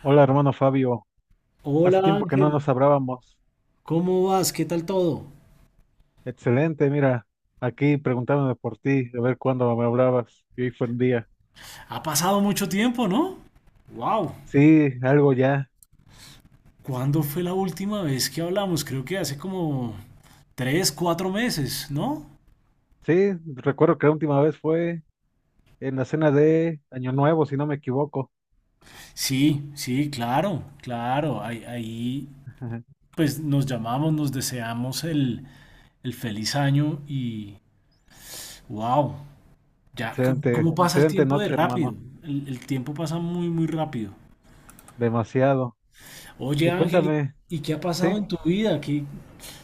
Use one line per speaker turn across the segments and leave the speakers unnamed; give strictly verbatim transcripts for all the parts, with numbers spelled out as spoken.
Hola, hermano Fabio.
Hola
Hace tiempo que no
Ángel,
nos hablábamos.
¿cómo vas? ¿Qué tal todo?
Excelente, mira, aquí preguntándome por ti, a ver cuándo me hablabas. Y hoy fue un día.
Ha pasado mucho tiempo, ¿no? ¡Wow!
Sí, algo ya.
¿Cuándo fue la última vez que hablamos? Creo que hace como tres, cuatro meses, ¿no?
Sí, recuerdo que la última vez fue en la cena de Año Nuevo, si no me equivoco.
Sí, sí, claro, claro. Ahí, ahí, pues nos llamamos, nos deseamos el, el feliz año y wow, ya, ¿cómo,
Excelente,
cómo pasa el
excelente
tiempo de
noche,
rápido?
hermano.
El, el tiempo pasa muy, muy rápido.
Demasiado.
Oye
Y
Ángel, ¿y
cuéntame,
y qué ha
sí,
pasado en tu vida? Que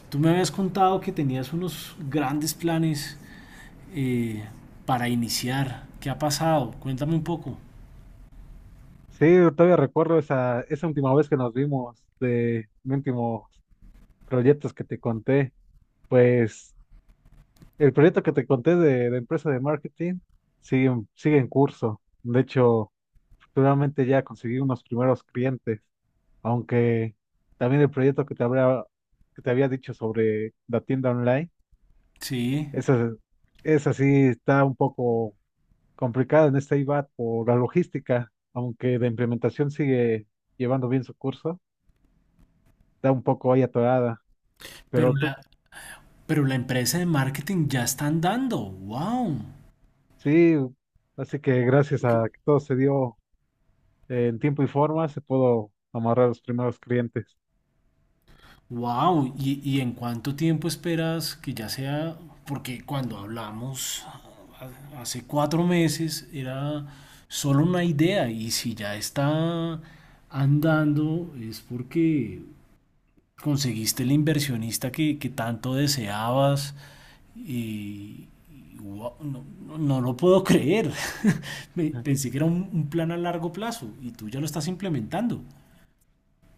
tú me habías contado que tenías unos grandes planes eh, para iniciar. ¿Qué ha pasado? Cuéntame un poco.
sí, todavía recuerdo esa, esa última vez que nos vimos de mis últimos proyectos que te conté. Pues. El proyecto que te conté de, de empresa de marketing sigue, en- sigue en curso. De hecho, futuramente ya conseguí unos primeros clientes, aunque también el proyecto que te habría, que te había dicho sobre la tienda online,
Sí,
esa, esa sí está un poco complicada en este I V A T por la logística, aunque la implementación sigue llevando bien su curso, está un poco ahí atorada,
pero
pero
la,
tú
pero la empresa de marketing ya está andando. ¡Wow!
sí, así que gracias a que todo se dio en tiempo y forma se puedo amarrar a los primeros clientes.
Wow, ¿y, y en cuánto tiempo esperas que ya sea? Porque cuando hablamos ha- hace cuatro meses era solo una idea y si ya está andando es porque conseguiste el inversionista que, que tanto deseabas y y guau, no, no- no lo puedo creer. Me-
Ajá.
Pensé que era un un plan a largo plazo y tú ya lo estás implementando.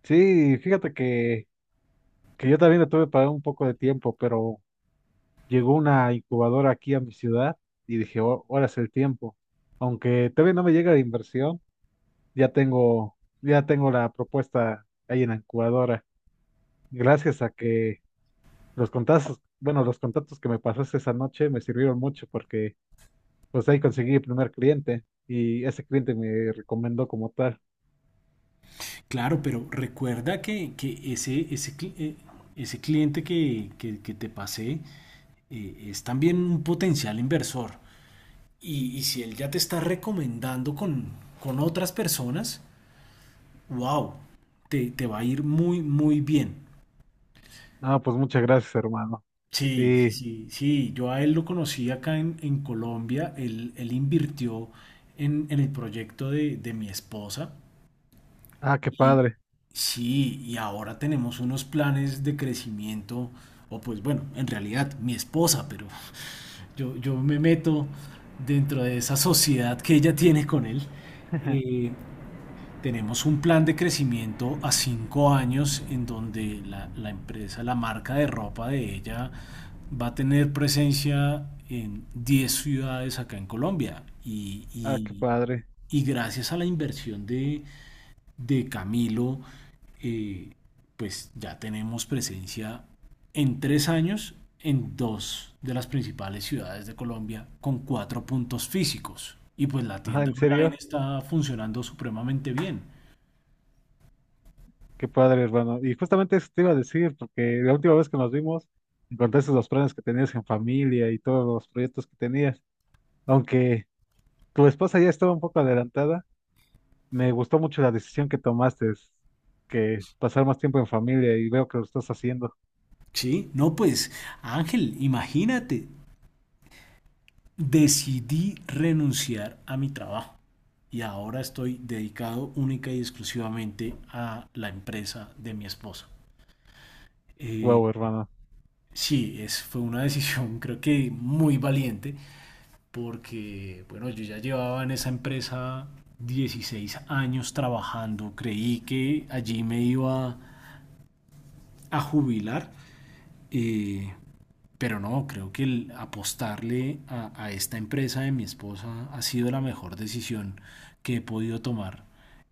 Sí, fíjate que, que yo también le tuve para un poco de tiempo, pero llegó una incubadora aquí a mi ciudad y dije, "Oh, ahora es el tiempo. Aunque todavía no me llega la inversión, ya tengo, ya tengo la propuesta ahí en la incubadora. Gracias a que los contactos, bueno, los contactos que me pasaste esa noche me sirvieron mucho porque pues ahí conseguí el primer cliente y ese cliente me recomendó como tal.
Claro, pero recuerda que, que ese, ese, cli- eh, ese cliente que, que- que te pasé eh, es también un potencial inversor. Y, y si él ya te está recomendando con, con otras personas, wow, te, te va a ir muy, muy bien.
Ah, pues muchas gracias, hermano.
Sí,
Sí.
sí, sí, yo a él lo conocí acá en, en Colombia, él, él invirtió en, en el proyecto de, de mi esposa.
Ah, qué
Y
padre.
sí, y ahora tenemos unos planes de crecimiento, o pues bueno, en realidad mi esposa, pero yo, yo me meto dentro de esa sociedad que ella tiene con él. Eh, Tenemos un plan de crecimiento a cinco años en donde la, la empresa, la marca de ropa de ella va a tener presencia en diez ciudades acá en Colombia. Y,
Ah, qué
y-
padre.
y gracias a la inversión de, de Camilo, eh, pues ya tenemos presencia en tres años en dos de las principales ciudades de Colombia con cuatro puntos físicos. Y pues la
Ah,
tienda
¿en
online
serio?
está funcionando supremamente bien.
Qué padre, hermano. Y justamente eso te iba a decir, porque la última vez que nos vimos, me contaste los planes que tenías en familia y todos los proyectos que tenías. Aunque tu esposa ya estaba un poco adelantada, me gustó mucho la decisión que tomaste, es que pasar más tiempo en familia y veo que lo estás haciendo.
Sí, no, pues Ángel, imagínate, decidí renunciar a mi trabajo y ahora estoy dedicado única y exclusivamente a la empresa de mi esposa. Eh,
Wow, hermano.
Sí, es, fue una decisión creo que muy valiente porque, bueno, yo ya llevaba en esa empresa dieciséis años trabajando, creí que allí me iba a jubilar, eh, pero no, creo que el apostarle a, a esta empresa de mi esposa ha sido la mejor decisión que he podido tomar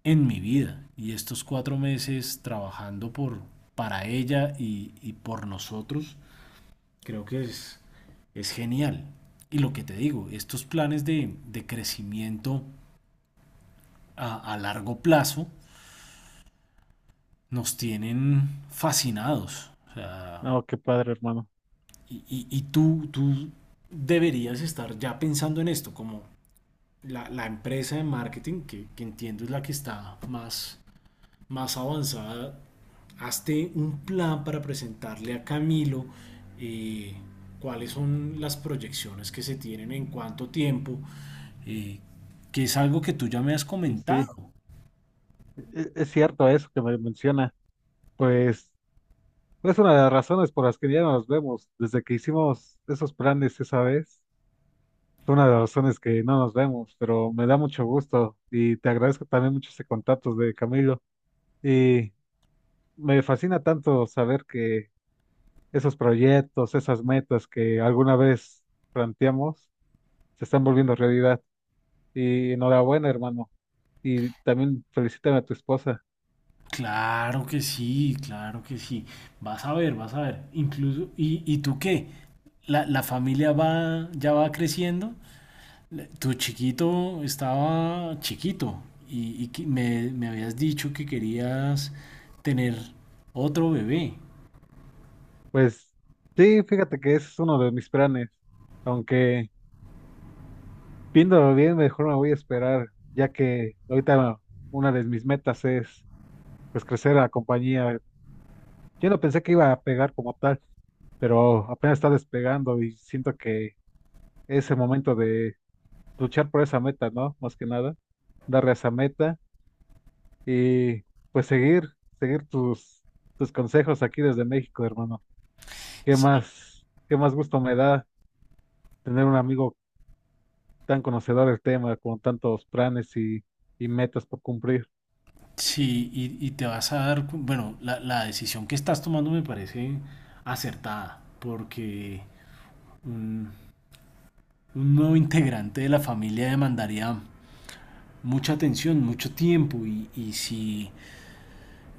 en mi vida. Y estos cuatro meses trabajando por, para ella y, y por nosotros creo que es, es genial. Y lo que te digo, estos planes de, de crecimiento a, a, largo plazo nos tienen fascinados. O sea,
No, qué padre, hermano.
y, y, y tú, tú deberías estar ya pensando en esto, como la, la empresa de marketing, que, que entiendo es la que está más más avanzada, hazte un plan para presentarle a Camilo eh, cuáles son las proyecciones que se tienen en cuánto tiempo, eh, que es algo que tú ya me has
Y
comentado.
sí, e- es cierto eso que me menciona. Pues. Es una de las razones por las que ya no nos vemos. Desde que hicimos esos planes esa vez, fue una de las razones que no nos vemos, pero me da mucho gusto y te agradezco también mucho ese contacto de Camilo. Y me fascina tanto saber que esos proyectos, esas metas que alguna vez planteamos, se están volviendo realidad. Y enhorabuena, hermano. Y también felicítame a tu esposa.
Claro que sí, claro que sí. Vas a ver, vas a ver. Incluso, ¿y, y tú qué? ¿La, la familia va, ya va creciendo? Tu chiquito estaba chiquito y, y que me, me habías dicho que querías tener otro bebé.
Pues sí, fíjate que ese es uno de mis planes, aunque... Viéndolo bien, mejor me voy a esperar, ya que ahorita una de mis metas es pues crecer la compañía. Yo no pensé que iba a pegar como tal, pero apenas está despegando y siento que es el momento de luchar por esa meta, ¿no? Más que nada, darle a esa meta y pues seguir, seguir tus, tus consejos aquí desde México, hermano. ¿Qué
Sí.
más, qué más gusto me da tener un amigo tan conocedor del tema, con tantos planes y, y metas por cumplir?
Sí, y, y te vas a dar, cu- bueno, la, la decisión que estás tomando me parece acertada, porque un, un nuevo integrante de la familia demandaría mucha atención, mucho tiempo, y, y si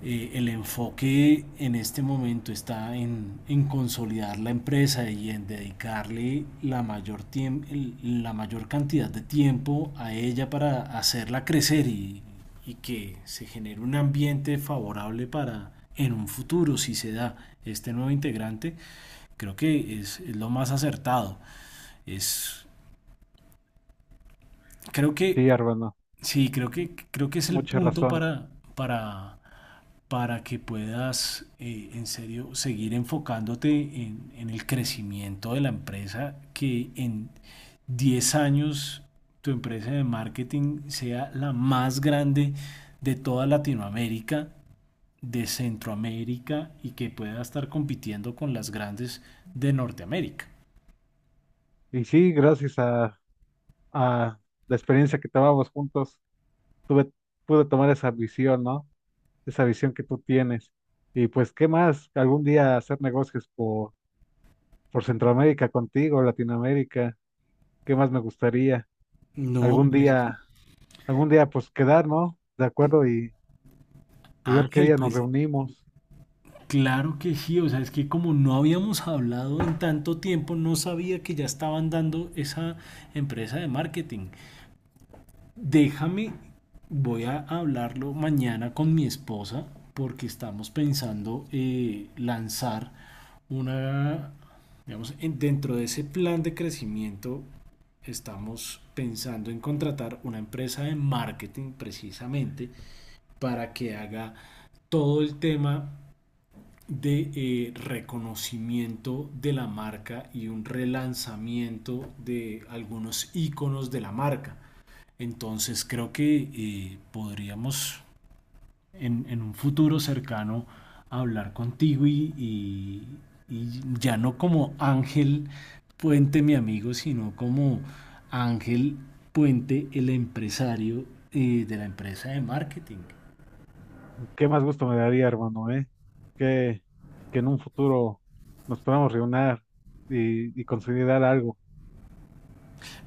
eh, el enfoque en este momento está en, en, consolidar la empresa y en dedicarle la mayor, la mayor cantidad de tiempo a ella para hacerla crecer y, y que se genere un ambiente favorable para en un futuro, si se da este nuevo integrante, creo que es, es lo más acertado. Es, creo que,
Sí, hermano.
sí, creo que, creo que es el
Mucha
punto
razón.
para, para para que puedas eh, en serio seguir enfocándote en, en, el crecimiento de la empresa, que en diez años tu empresa de marketing sea la más grande de toda Latinoamérica, de Centroamérica y que pueda estar compitiendo con las grandes de Norteamérica.
Y sí, gracias a, a la experiencia que tomamos juntos, tuve, pude tomar esa visión, ¿no? Esa visión que tú tienes. Y pues, ¿qué más? Algún día hacer negocios por, por Centroamérica contigo, Latinoamérica. ¿Qué más me gustaría?
No,
Algún
pues
día, algún día, pues quedar, ¿no? De acuerdo y, y ver qué
Ángel,
día nos
pues
reunimos.
claro que sí, o sea, es que como no habíamos hablado en tanto tiempo, no sabía que ya estaban dando esa empresa de marketing. Déjame, voy a hablarlo mañana con mi esposa porque estamos pensando eh, lanzar una, digamos, en- dentro de ese plan de crecimiento estamos pensando en contratar una empresa de marketing precisamente para que haga todo el tema de eh, reconocimiento de la marca y un relanzamiento de algunos iconos de la marca. Entonces creo que eh, podríamos en, en, un futuro cercano hablar contigo y, y, y ya no como Ángel Puente, mi amigo, sino como Ángel Puente, el empresario eh, de la empresa de marketing.
¿Qué más gusto me daría, hermano, eh? Que, que en un futuro nos podamos reunir y, y consolidar algo.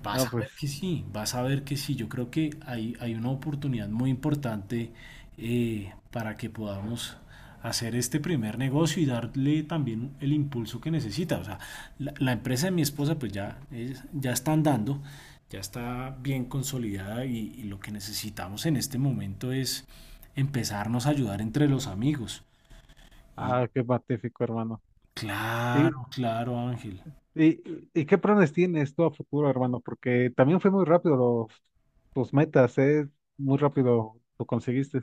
Vas
No,
a
pues.
ver que sí, vas a ver que sí. Yo creo que hay, hay una oportunidad muy importante eh, para que podamos hacer este primer negocio y darle también el impulso que necesita. O sea, la, la empresa de mi esposa pues ya, es- ya está andando, ya está bien consolidada y, y lo que necesitamos en este momento es empezarnos a ayudar entre los amigos. Y
Ah, qué magnífico, hermano. ¿Y,
claro, claro, Ángel.
y, y qué planes tienes tú a futuro, hermano? Porque también fue muy rápido los, tus metas, ¿eh? Muy rápido lo conseguiste.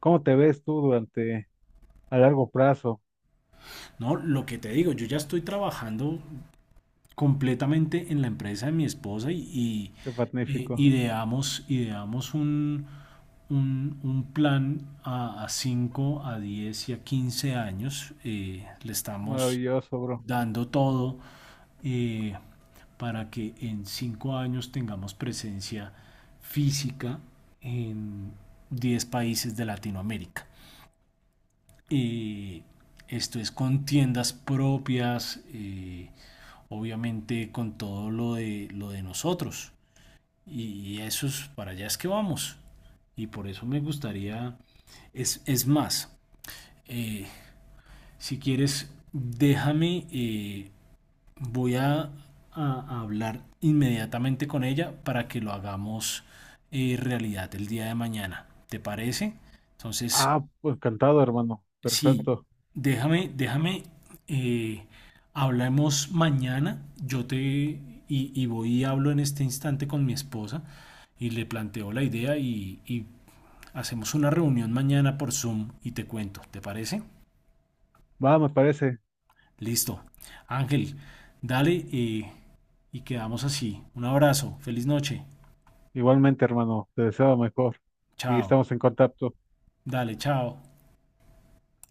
¿Cómo te ves tú durante a largo plazo?
No, lo que te digo, yo ya estoy trabajando completamente en la empresa de mi esposa y, y,
Qué
eh,
magnífico.
ideamos, ideamos un, un, un plan a, a cinco, a diez y a quince años. Eh, le estamos
Maravilloso, bro.
dando todo eh, para que en cinco años tengamos presencia física en diez países de Latinoamérica, eh, esto es con tiendas propias, eh, obviamente con todo lo de, lo de nosotros. Y eso es, para allá es que vamos. Y por eso me gustaría, es, es más, eh, si quieres, déjame, eh, voy a, a hablar inmediatamente con ella para que lo hagamos eh, realidad el día de mañana. ¿Te parece? Entonces,
Ah, pues, encantado, hermano.
sí,
Perfecto.
déjame, déjame, eh, hablemos mañana. Yo te y, y voy y hablo en este instante con mi esposa y le planteo la idea y, y hacemos una reunión mañana por Zoom y te cuento, ¿te parece?
Va, me parece.
Listo. Ángel, dale eh, y quedamos así. Un abrazo, feliz noche.
Igualmente, hermano. Te deseo lo mejor. Y
Chao.
estamos en contacto.
Dale, chao.